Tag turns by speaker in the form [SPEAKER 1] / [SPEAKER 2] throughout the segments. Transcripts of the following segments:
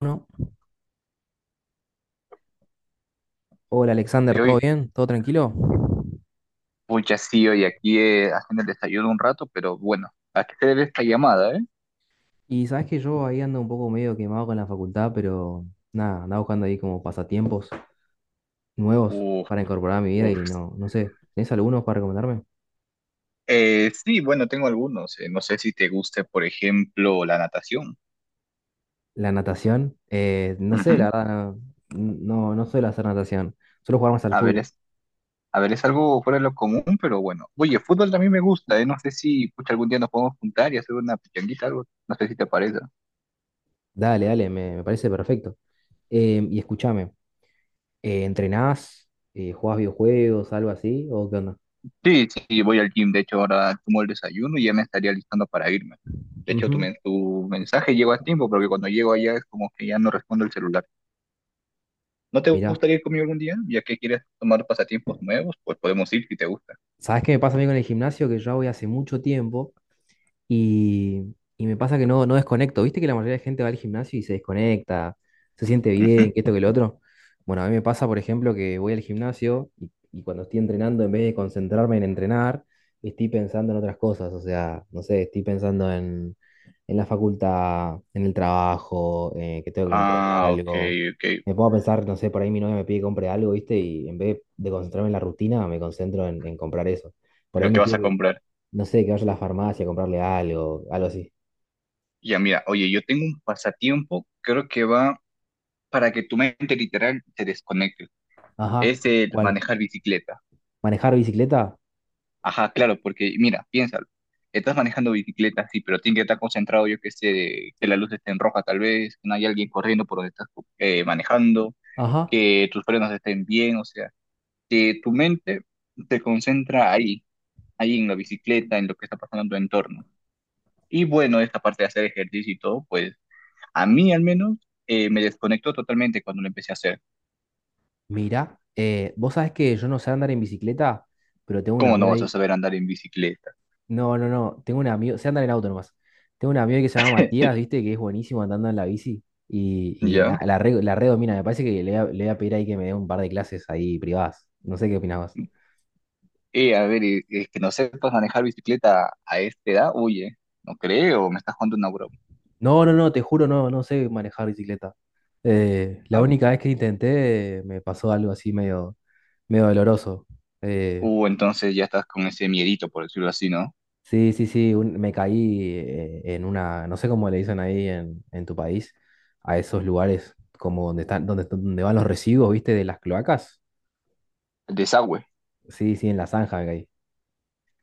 [SPEAKER 1] Bueno, hola Alexander,
[SPEAKER 2] De
[SPEAKER 1] ¿todo
[SPEAKER 2] hoy,
[SPEAKER 1] bien? ¿Todo tranquilo?
[SPEAKER 2] pucha, sí, hoy aquí haciendo el desayuno un rato, pero bueno, ¿a qué se debe esta llamada, eh?
[SPEAKER 1] Y sabes que yo ahí ando un poco medio quemado con la facultad, pero nada, andaba buscando ahí como pasatiempos nuevos
[SPEAKER 2] Uf,
[SPEAKER 1] para incorporar a mi vida
[SPEAKER 2] uf.
[SPEAKER 1] y no, no sé, ¿tenés algunos para recomendarme?
[SPEAKER 2] Sí, bueno, tengo algunos. No sé si te guste, por ejemplo, la natación.
[SPEAKER 1] La natación, no sé, la
[SPEAKER 2] Ujú.
[SPEAKER 1] verdad, no, no suelo hacer natación, suelo jugar más al
[SPEAKER 2] A ver,
[SPEAKER 1] fútbol.
[SPEAKER 2] es, a ver, es algo fuera de lo común, pero bueno. Oye, fútbol también me gusta, eh. No sé si, pucha, algún día nos podemos juntar y hacer una pichanguita, algo. No sé si te parece.
[SPEAKER 1] Dale, dale, me parece perfecto. Y escúchame, ¿entrenás? ¿Jugás videojuegos, algo así? ¿O qué onda?
[SPEAKER 2] Sí, sí, voy al gym. De hecho, ahora tomo el desayuno y ya me estaría listando para irme. De hecho, tu,
[SPEAKER 1] Ujú.
[SPEAKER 2] men- tu mensaje llegó a tiempo, porque cuando llego allá es como que ya no respondo el celular. ¿No te
[SPEAKER 1] Mirá,
[SPEAKER 2] gustaría ir conmigo algún día? Ya que quieres tomar pasatiempos nuevos, pues podemos ir si te gusta.
[SPEAKER 1] ¿sabes qué me pasa a mí con el gimnasio? Que yo voy hace mucho tiempo. Y me pasa que no desconecto. ¿Viste que la mayoría de gente va al gimnasio y se desconecta, se siente
[SPEAKER 2] Ujú.
[SPEAKER 1] bien, que esto, que lo otro? Bueno, a mí me pasa, por ejemplo, que voy al gimnasio y cuando estoy entrenando, en vez de concentrarme en entrenar, estoy pensando en otras cosas. O sea, no sé, estoy pensando en la facultad, en el trabajo, que tengo que entregar
[SPEAKER 2] Ah, ok,
[SPEAKER 1] algo.
[SPEAKER 2] ok.
[SPEAKER 1] Me pongo a pensar, no sé, por ahí mi novia me pide que compre algo, ¿viste? Y en vez de concentrarme en la rutina, me concentro en comprar eso. Por ahí
[SPEAKER 2] Lo que
[SPEAKER 1] me
[SPEAKER 2] vas
[SPEAKER 1] pide
[SPEAKER 2] a
[SPEAKER 1] que
[SPEAKER 2] comprar.
[SPEAKER 1] no sé, que vaya a la farmacia a comprarle algo, algo así.
[SPEAKER 2] Ya, mira, oye, yo tengo un pasatiempo, creo que va para que tu mente literal te desconecte.
[SPEAKER 1] Ajá,
[SPEAKER 2] Es el
[SPEAKER 1] ¿cuál?
[SPEAKER 2] manejar bicicleta.
[SPEAKER 1] ¿Manejar bicicleta?
[SPEAKER 2] Ajá, claro, porque mira, piénsalo. Estás manejando bicicleta, sí, pero tienes que estar concentrado, yo que sé, que la luz esté en roja tal vez, que no haya alguien corriendo por donde estás manejando,
[SPEAKER 1] Ajá,
[SPEAKER 2] que tus frenos estén bien, o sea, que tu mente te concentra ahí. Ahí en la bicicleta, en lo que está pasando en tu entorno. Y bueno, esta parte de hacer ejercicio y todo, pues a mí al menos me desconectó totalmente cuando lo empecé a hacer.
[SPEAKER 1] mira, vos sabés que yo no sé andar en bicicleta, pero tengo un
[SPEAKER 2] ¿Cómo
[SPEAKER 1] amigo
[SPEAKER 2] no vas a
[SPEAKER 1] ahí.
[SPEAKER 2] saber andar en bicicleta?
[SPEAKER 1] No, no, no, tengo un amigo, sé andar en auto nomás. Tengo un amigo ahí que se llama Matías, viste, que es buenísimo andando en la bici y na-
[SPEAKER 2] ¿Ya?
[SPEAKER 1] la, re- la redomina. Me parece que le voy a pedir ahí que me dé un par de clases ahí privadas. No sé qué opinabas.
[SPEAKER 2] A ver, que no sepas manejar bicicleta a esta edad, oye, no creo, me estás jugando una broma.
[SPEAKER 1] No, no, no, te juro, no, no sé manejar bicicleta. La
[SPEAKER 2] ¿No?
[SPEAKER 1] única vez que intenté me pasó algo así medio, medio doloroso. Eh,
[SPEAKER 2] O entonces ya estás con ese miedito, por decirlo así, ¿no?
[SPEAKER 1] sí, sí, sí, me caí en una, no sé cómo le dicen ahí en tu país, a esos lugares como donde están, donde van los residuos, ¿viste? De las cloacas.
[SPEAKER 2] El desagüe.
[SPEAKER 1] Sí, sí, en la zanja me caí.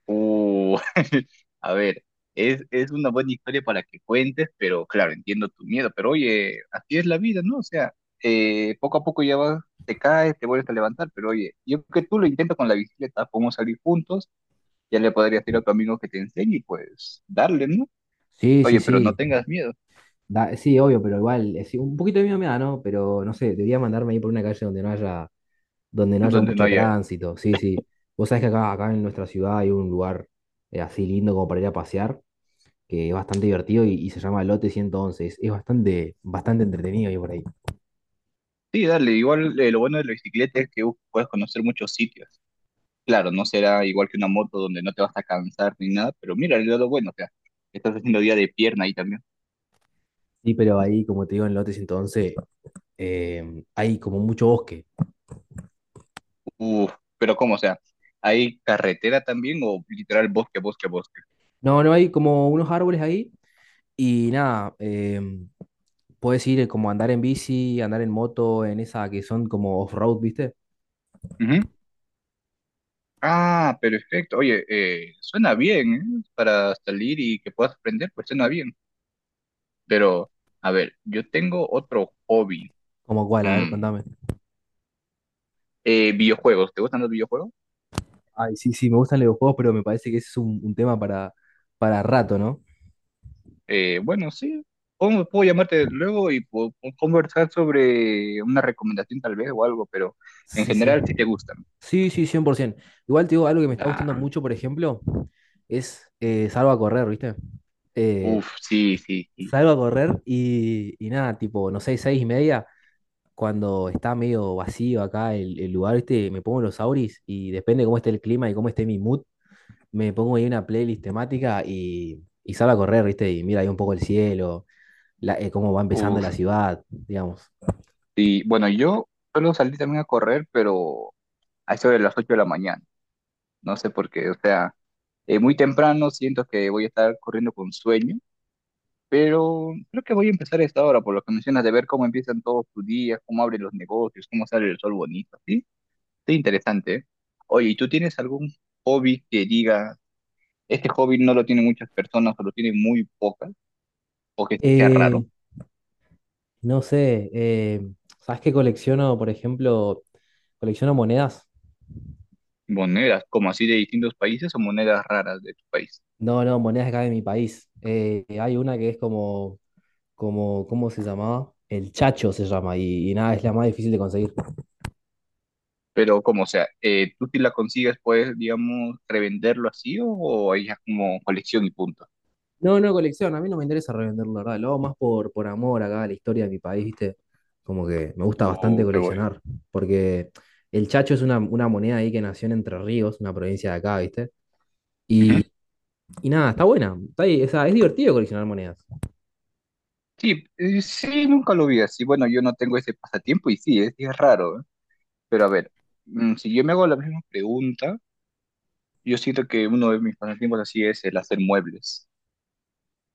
[SPEAKER 2] Uh, a ver, es una buena historia para que cuentes, pero claro, entiendo tu miedo, pero oye, así es la vida, ¿no? O sea, poco a poco ya vas, te caes, te vuelves a levantar, pero oye, yo creo que tú lo intentas con la bicicleta, podemos salir juntos, ya le podrías ir a tu amigo que te enseñe y pues darle, ¿no?
[SPEAKER 1] Sí, sí,
[SPEAKER 2] Oye, pero no
[SPEAKER 1] sí.
[SPEAKER 2] tengas miedo,
[SPEAKER 1] Sí, obvio, pero igual, sí, un poquito de miedo me da, ¿no? Pero no sé, debería mandarme ahí por una calle donde no haya
[SPEAKER 2] donde no
[SPEAKER 1] mucho
[SPEAKER 2] haya...
[SPEAKER 1] tránsito. Sí, sí. Vos sabés que acá en nuestra ciudad hay un lugar así lindo como para ir a pasear, que es bastante divertido y se llama Lote 111. Es bastante, bastante entretenido ir por ahí.
[SPEAKER 2] Sí, dale, igual lo bueno de la bicicleta es que puedes conocer muchos sitios. Claro, no será igual que una moto donde no te vas a cansar ni nada, pero mira, el lado bueno, o sea, estás haciendo día de pierna ahí también.
[SPEAKER 1] Sí, pero ahí, como te digo, en Lote 111 hay como mucho bosque.
[SPEAKER 2] Uf, pero ¿cómo? O sea, ¿hay carretera también o literal bosque, bosque, bosque?
[SPEAKER 1] No, no hay como unos árboles ahí y nada, puedes ir como andar en bici, andar en moto, en esa que son como off-road, ¿viste?
[SPEAKER 2] Ujú. Ah, perfecto. Oye, suena bien, ¿eh? Para salir y que puedas aprender, pues suena bien. Pero, a ver, yo tengo otro hobby.
[SPEAKER 1] Como cuál, a ver,
[SPEAKER 2] Mm,
[SPEAKER 1] contame.
[SPEAKER 2] videojuegos. ¿Te gustan los videojuegos?
[SPEAKER 1] Ay, sí, sí, me gustan los videojuegos, pero me parece que ese es un tema para rato, ¿no?
[SPEAKER 2] Bueno, sí. Puedo llamarte luego y conversar sobre una recomendación tal vez o algo, pero en
[SPEAKER 1] Sí, sí.
[SPEAKER 2] general sí te gustan.
[SPEAKER 1] Sí, sí, 100%. Igual te digo, algo que me está
[SPEAKER 2] Da.
[SPEAKER 1] gustando mucho, por ejemplo, es salgo a correr, ¿viste? Eh,
[SPEAKER 2] Uf, sí, sí, sí.
[SPEAKER 1] salgo a correr y nada, tipo, no sé, 6:30, cuando está medio vacío acá el lugar, ¿viste? Me pongo los auris y depende de cómo esté el clima y cómo esté mi mood, me pongo ahí una playlist temática y salgo a correr, ¿viste? Y mira ahí un poco el cielo, cómo va empezando
[SPEAKER 2] Uf,
[SPEAKER 1] la ciudad, digamos.
[SPEAKER 2] sí. Bueno, yo solo salí también a correr, pero a eso de las 8 de la mañana. No sé por qué, o sea, muy temprano siento que voy a estar corriendo con sueño, pero creo que voy a empezar a esta hora, por lo que mencionas, de ver cómo empiezan todos tus días, cómo abren los negocios, cómo sale el sol bonito, ¿sí? Qué interesante. Oye, ¿y tú tienes algún hobby que diga, este hobby no lo tienen muchas personas o lo tienen muy pocas, o que sea raro?
[SPEAKER 1] Eh, no sé, ¿sabes qué colecciono, por ejemplo? Colecciono monedas.
[SPEAKER 2] Monedas, como así de distintos países o monedas raras de tu país.
[SPEAKER 1] No, no, monedas acá de mi país. Hay una que es ¿cómo se llamaba? El Chacho se llama y nada, es la más difícil de conseguir.
[SPEAKER 2] Pero como sea, tú si la consigues, puedes, digamos, revenderlo así o ahí como colección y punto.
[SPEAKER 1] No, no, colección, a mí no me interesa revenderlo, la verdad. Lo hago más por amor acá a la historia de mi país, ¿viste? Como que me gusta bastante
[SPEAKER 2] O qué voy.
[SPEAKER 1] coleccionar, porque el Chacho es una moneda ahí que nació en Entre Ríos, una provincia de acá, ¿viste?
[SPEAKER 2] Ujú.
[SPEAKER 1] Y, y nada, está buena. Está ahí, o sea, es divertido coleccionar monedas.
[SPEAKER 2] Sí, sí, nunca lo vi así. Bueno, yo no tengo ese pasatiempo y sí, sí es raro, ¿eh? Pero a ver, mm, si yo me hago la misma pregunta. Yo siento que uno de mis pasatiempos así es el hacer muebles.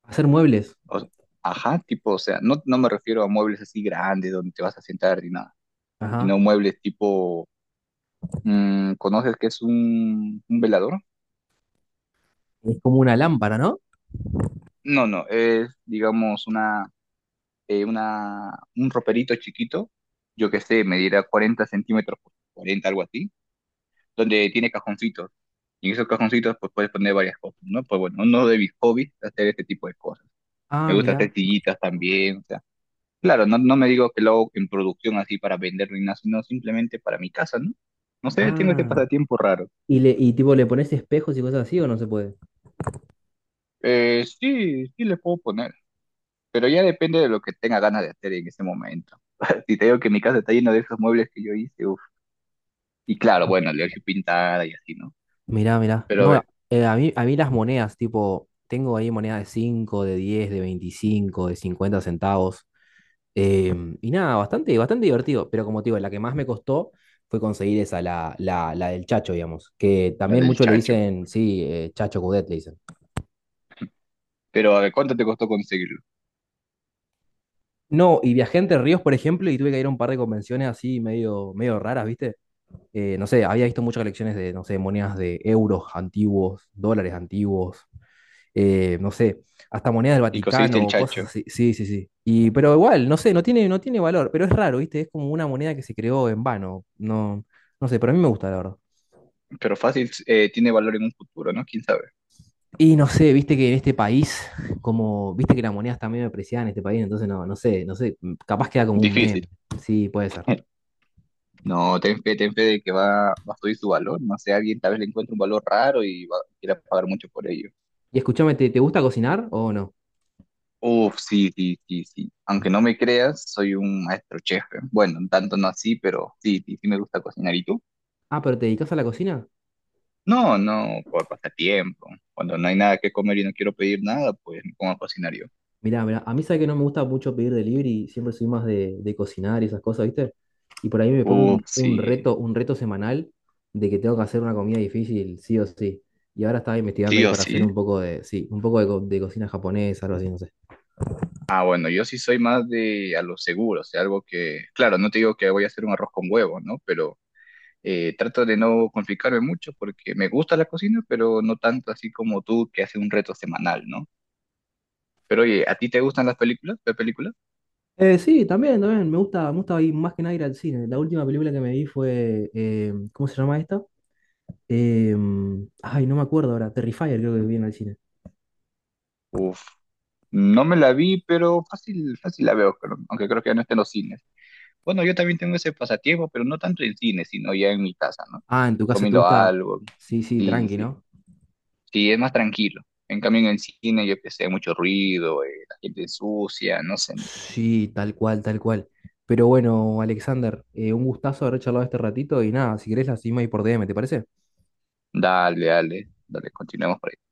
[SPEAKER 1] Hacer muebles.
[SPEAKER 2] O s- ajá, tipo, o sea, no, no me refiero a muebles así grandes donde te vas a sentar ni nada,
[SPEAKER 1] Ajá.
[SPEAKER 2] sino muebles tipo, mm, ¿conoces qué es un velador?
[SPEAKER 1] Es como una lámpara, ¿no?
[SPEAKER 2] No, no, es, digamos, una, eh, una, un roperito chiquito, yo qué sé, medirá 40 centímetros por 40, algo así, donde tiene cajoncitos. Y en esos cajoncitos pues puedes poner varias cosas, ¿no? Pues bueno, uno de mis hobbies es hacer este tipo de cosas. Me
[SPEAKER 1] Ah,
[SPEAKER 2] gusta
[SPEAKER 1] mirá.
[SPEAKER 2] hacer sillitas también. Claro, no, no me digo que lo hago en producción así para vender ni nada, sino simplemente para mi casa, ¿no? No sé, tengo este
[SPEAKER 1] Ah.
[SPEAKER 2] pasatiempo raro.
[SPEAKER 1] Y tipo, ¿le pones espejos y cosas así o no se puede?
[SPEAKER 2] Sí, sí le puedo poner, pero ya depende de lo que tenga ganas de hacer en ese momento. Si te digo que mi casa está llena de esos muebles que yo hice, uff. Y claro,
[SPEAKER 1] Ah.
[SPEAKER 2] bueno, le he hecho pintada y así, ¿no?
[SPEAKER 1] Mirá, mirá.
[SPEAKER 2] Pero a
[SPEAKER 1] No,
[SPEAKER 2] ver,
[SPEAKER 1] a mí las monedas, tipo, tengo ahí monedas de 5, de 10, de 25, de 50 centavos. Y nada, bastante, bastante divertido. Pero como te digo, la que más me costó fue conseguir esa, la del Chacho, digamos. Que
[SPEAKER 2] la
[SPEAKER 1] también
[SPEAKER 2] del
[SPEAKER 1] muchos le
[SPEAKER 2] chacho.
[SPEAKER 1] dicen, sí, Chacho Cudet le dicen.
[SPEAKER 2] Pero a ver, ¿cuánto te costó conseguirlo?
[SPEAKER 1] No, y viajé Entre Ríos, por ejemplo, y tuve que ir a un par de convenciones así medio, medio raras, ¿viste? No sé, había visto muchas colecciones de, no sé, monedas de euros antiguos, dólares antiguos, no sé, hasta monedas del
[SPEAKER 2] Y conseguiste el
[SPEAKER 1] Vaticano, cosas
[SPEAKER 2] chacho.
[SPEAKER 1] así. Sí, sí, sí. Pero igual, no sé, no tiene valor, pero es raro, ¿viste? Es como una moneda que se creó en vano. No, no sé, pero a mí me gusta, la verdad.
[SPEAKER 2] Pero fácil, tiene valor en un futuro, ¿no? ¿Quién sabe?
[SPEAKER 1] Y no sé, viste que en este país, como, viste que las monedas también medio depreciadas en este país, entonces no, no sé, capaz queda como un meme.
[SPEAKER 2] Difícil.
[SPEAKER 1] Sí, puede ser.
[SPEAKER 2] No, ten fe de que va, va a subir su valor. No sé, alguien tal vez le encuentre un valor raro y va, quiera pagar mucho por ello.
[SPEAKER 1] Y escúchame, ¿te gusta cocinar o no?
[SPEAKER 2] Uf, sí, sí, sí, sí. Aunque no me creas, soy un maestro chef. ¿Eh? Bueno, tanto no así, pero sí, sí, sí me gusta cocinar. ¿Y tú?
[SPEAKER 1] Ah, pero ¿te dedicas a la cocina?
[SPEAKER 2] No, no, por pasatiempo. Cuando no hay nada que comer y no quiero pedir nada, pues me pongo a cocinar yo.
[SPEAKER 1] Mirá, mirá, a mí sabe que no me gusta mucho pedir delivery, siempre soy más de cocinar y esas cosas, ¿viste? Y por ahí me pongo
[SPEAKER 2] Uf,
[SPEAKER 1] un,
[SPEAKER 2] sí,
[SPEAKER 1] un reto, un reto semanal de que tengo que hacer una comida difícil, sí o sí. Y ahora estaba investigando
[SPEAKER 2] sí
[SPEAKER 1] ahí
[SPEAKER 2] o
[SPEAKER 1] para hacer
[SPEAKER 2] sí.
[SPEAKER 1] un poco de, sí, un poco de, co- de cocina japonesa, algo así, no sé.
[SPEAKER 2] Ah, bueno, yo sí soy más de a lo seguro, o sea, algo que, claro, no te digo que voy a hacer un arroz con huevo, ¿no? Pero trato de no complicarme mucho porque me gusta la cocina, pero no tanto así como tú que hace un reto semanal, ¿no? Pero oye, ¿a ti te gustan las películas? ¿Las películas?
[SPEAKER 1] Sí, también, me gusta ir más que nada ir al cine. La última película que me vi fue, ¿cómo se llama esta? Ay, no me acuerdo ahora, Terrifier creo que vi en el cine.
[SPEAKER 2] Uf, no me la vi, pero fácil, fácil la veo, pero- aunque creo que ya no está en los cines. Bueno, yo también tengo ese pasatiempo, pero no tanto en cine, sino ya en mi casa, ¿no?
[SPEAKER 1] Ah, en tu caso te
[SPEAKER 2] Comiendo
[SPEAKER 1] gusta,
[SPEAKER 2] algo.
[SPEAKER 1] sí, sí,
[SPEAKER 2] Sí,
[SPEAKER 1] tranqui,
[SPEAKER 2] sí.
[SPEAKER 1] ¿no?
[SPEAKER 2] Sí, es más tranquilo. En cambio, en el cine yo que sé, mucho ruido, la gente sucia, no sé.
[SPEAKER 1] Sí, tal cual, tal cual. Pero bueno, Alexander, un gustazo haber charlado este ratito y nada, si querés la seguimos ahí por DM, ¿te parece?
[SPEAKER 2] Dale, dale, dale, continuemos por ahí.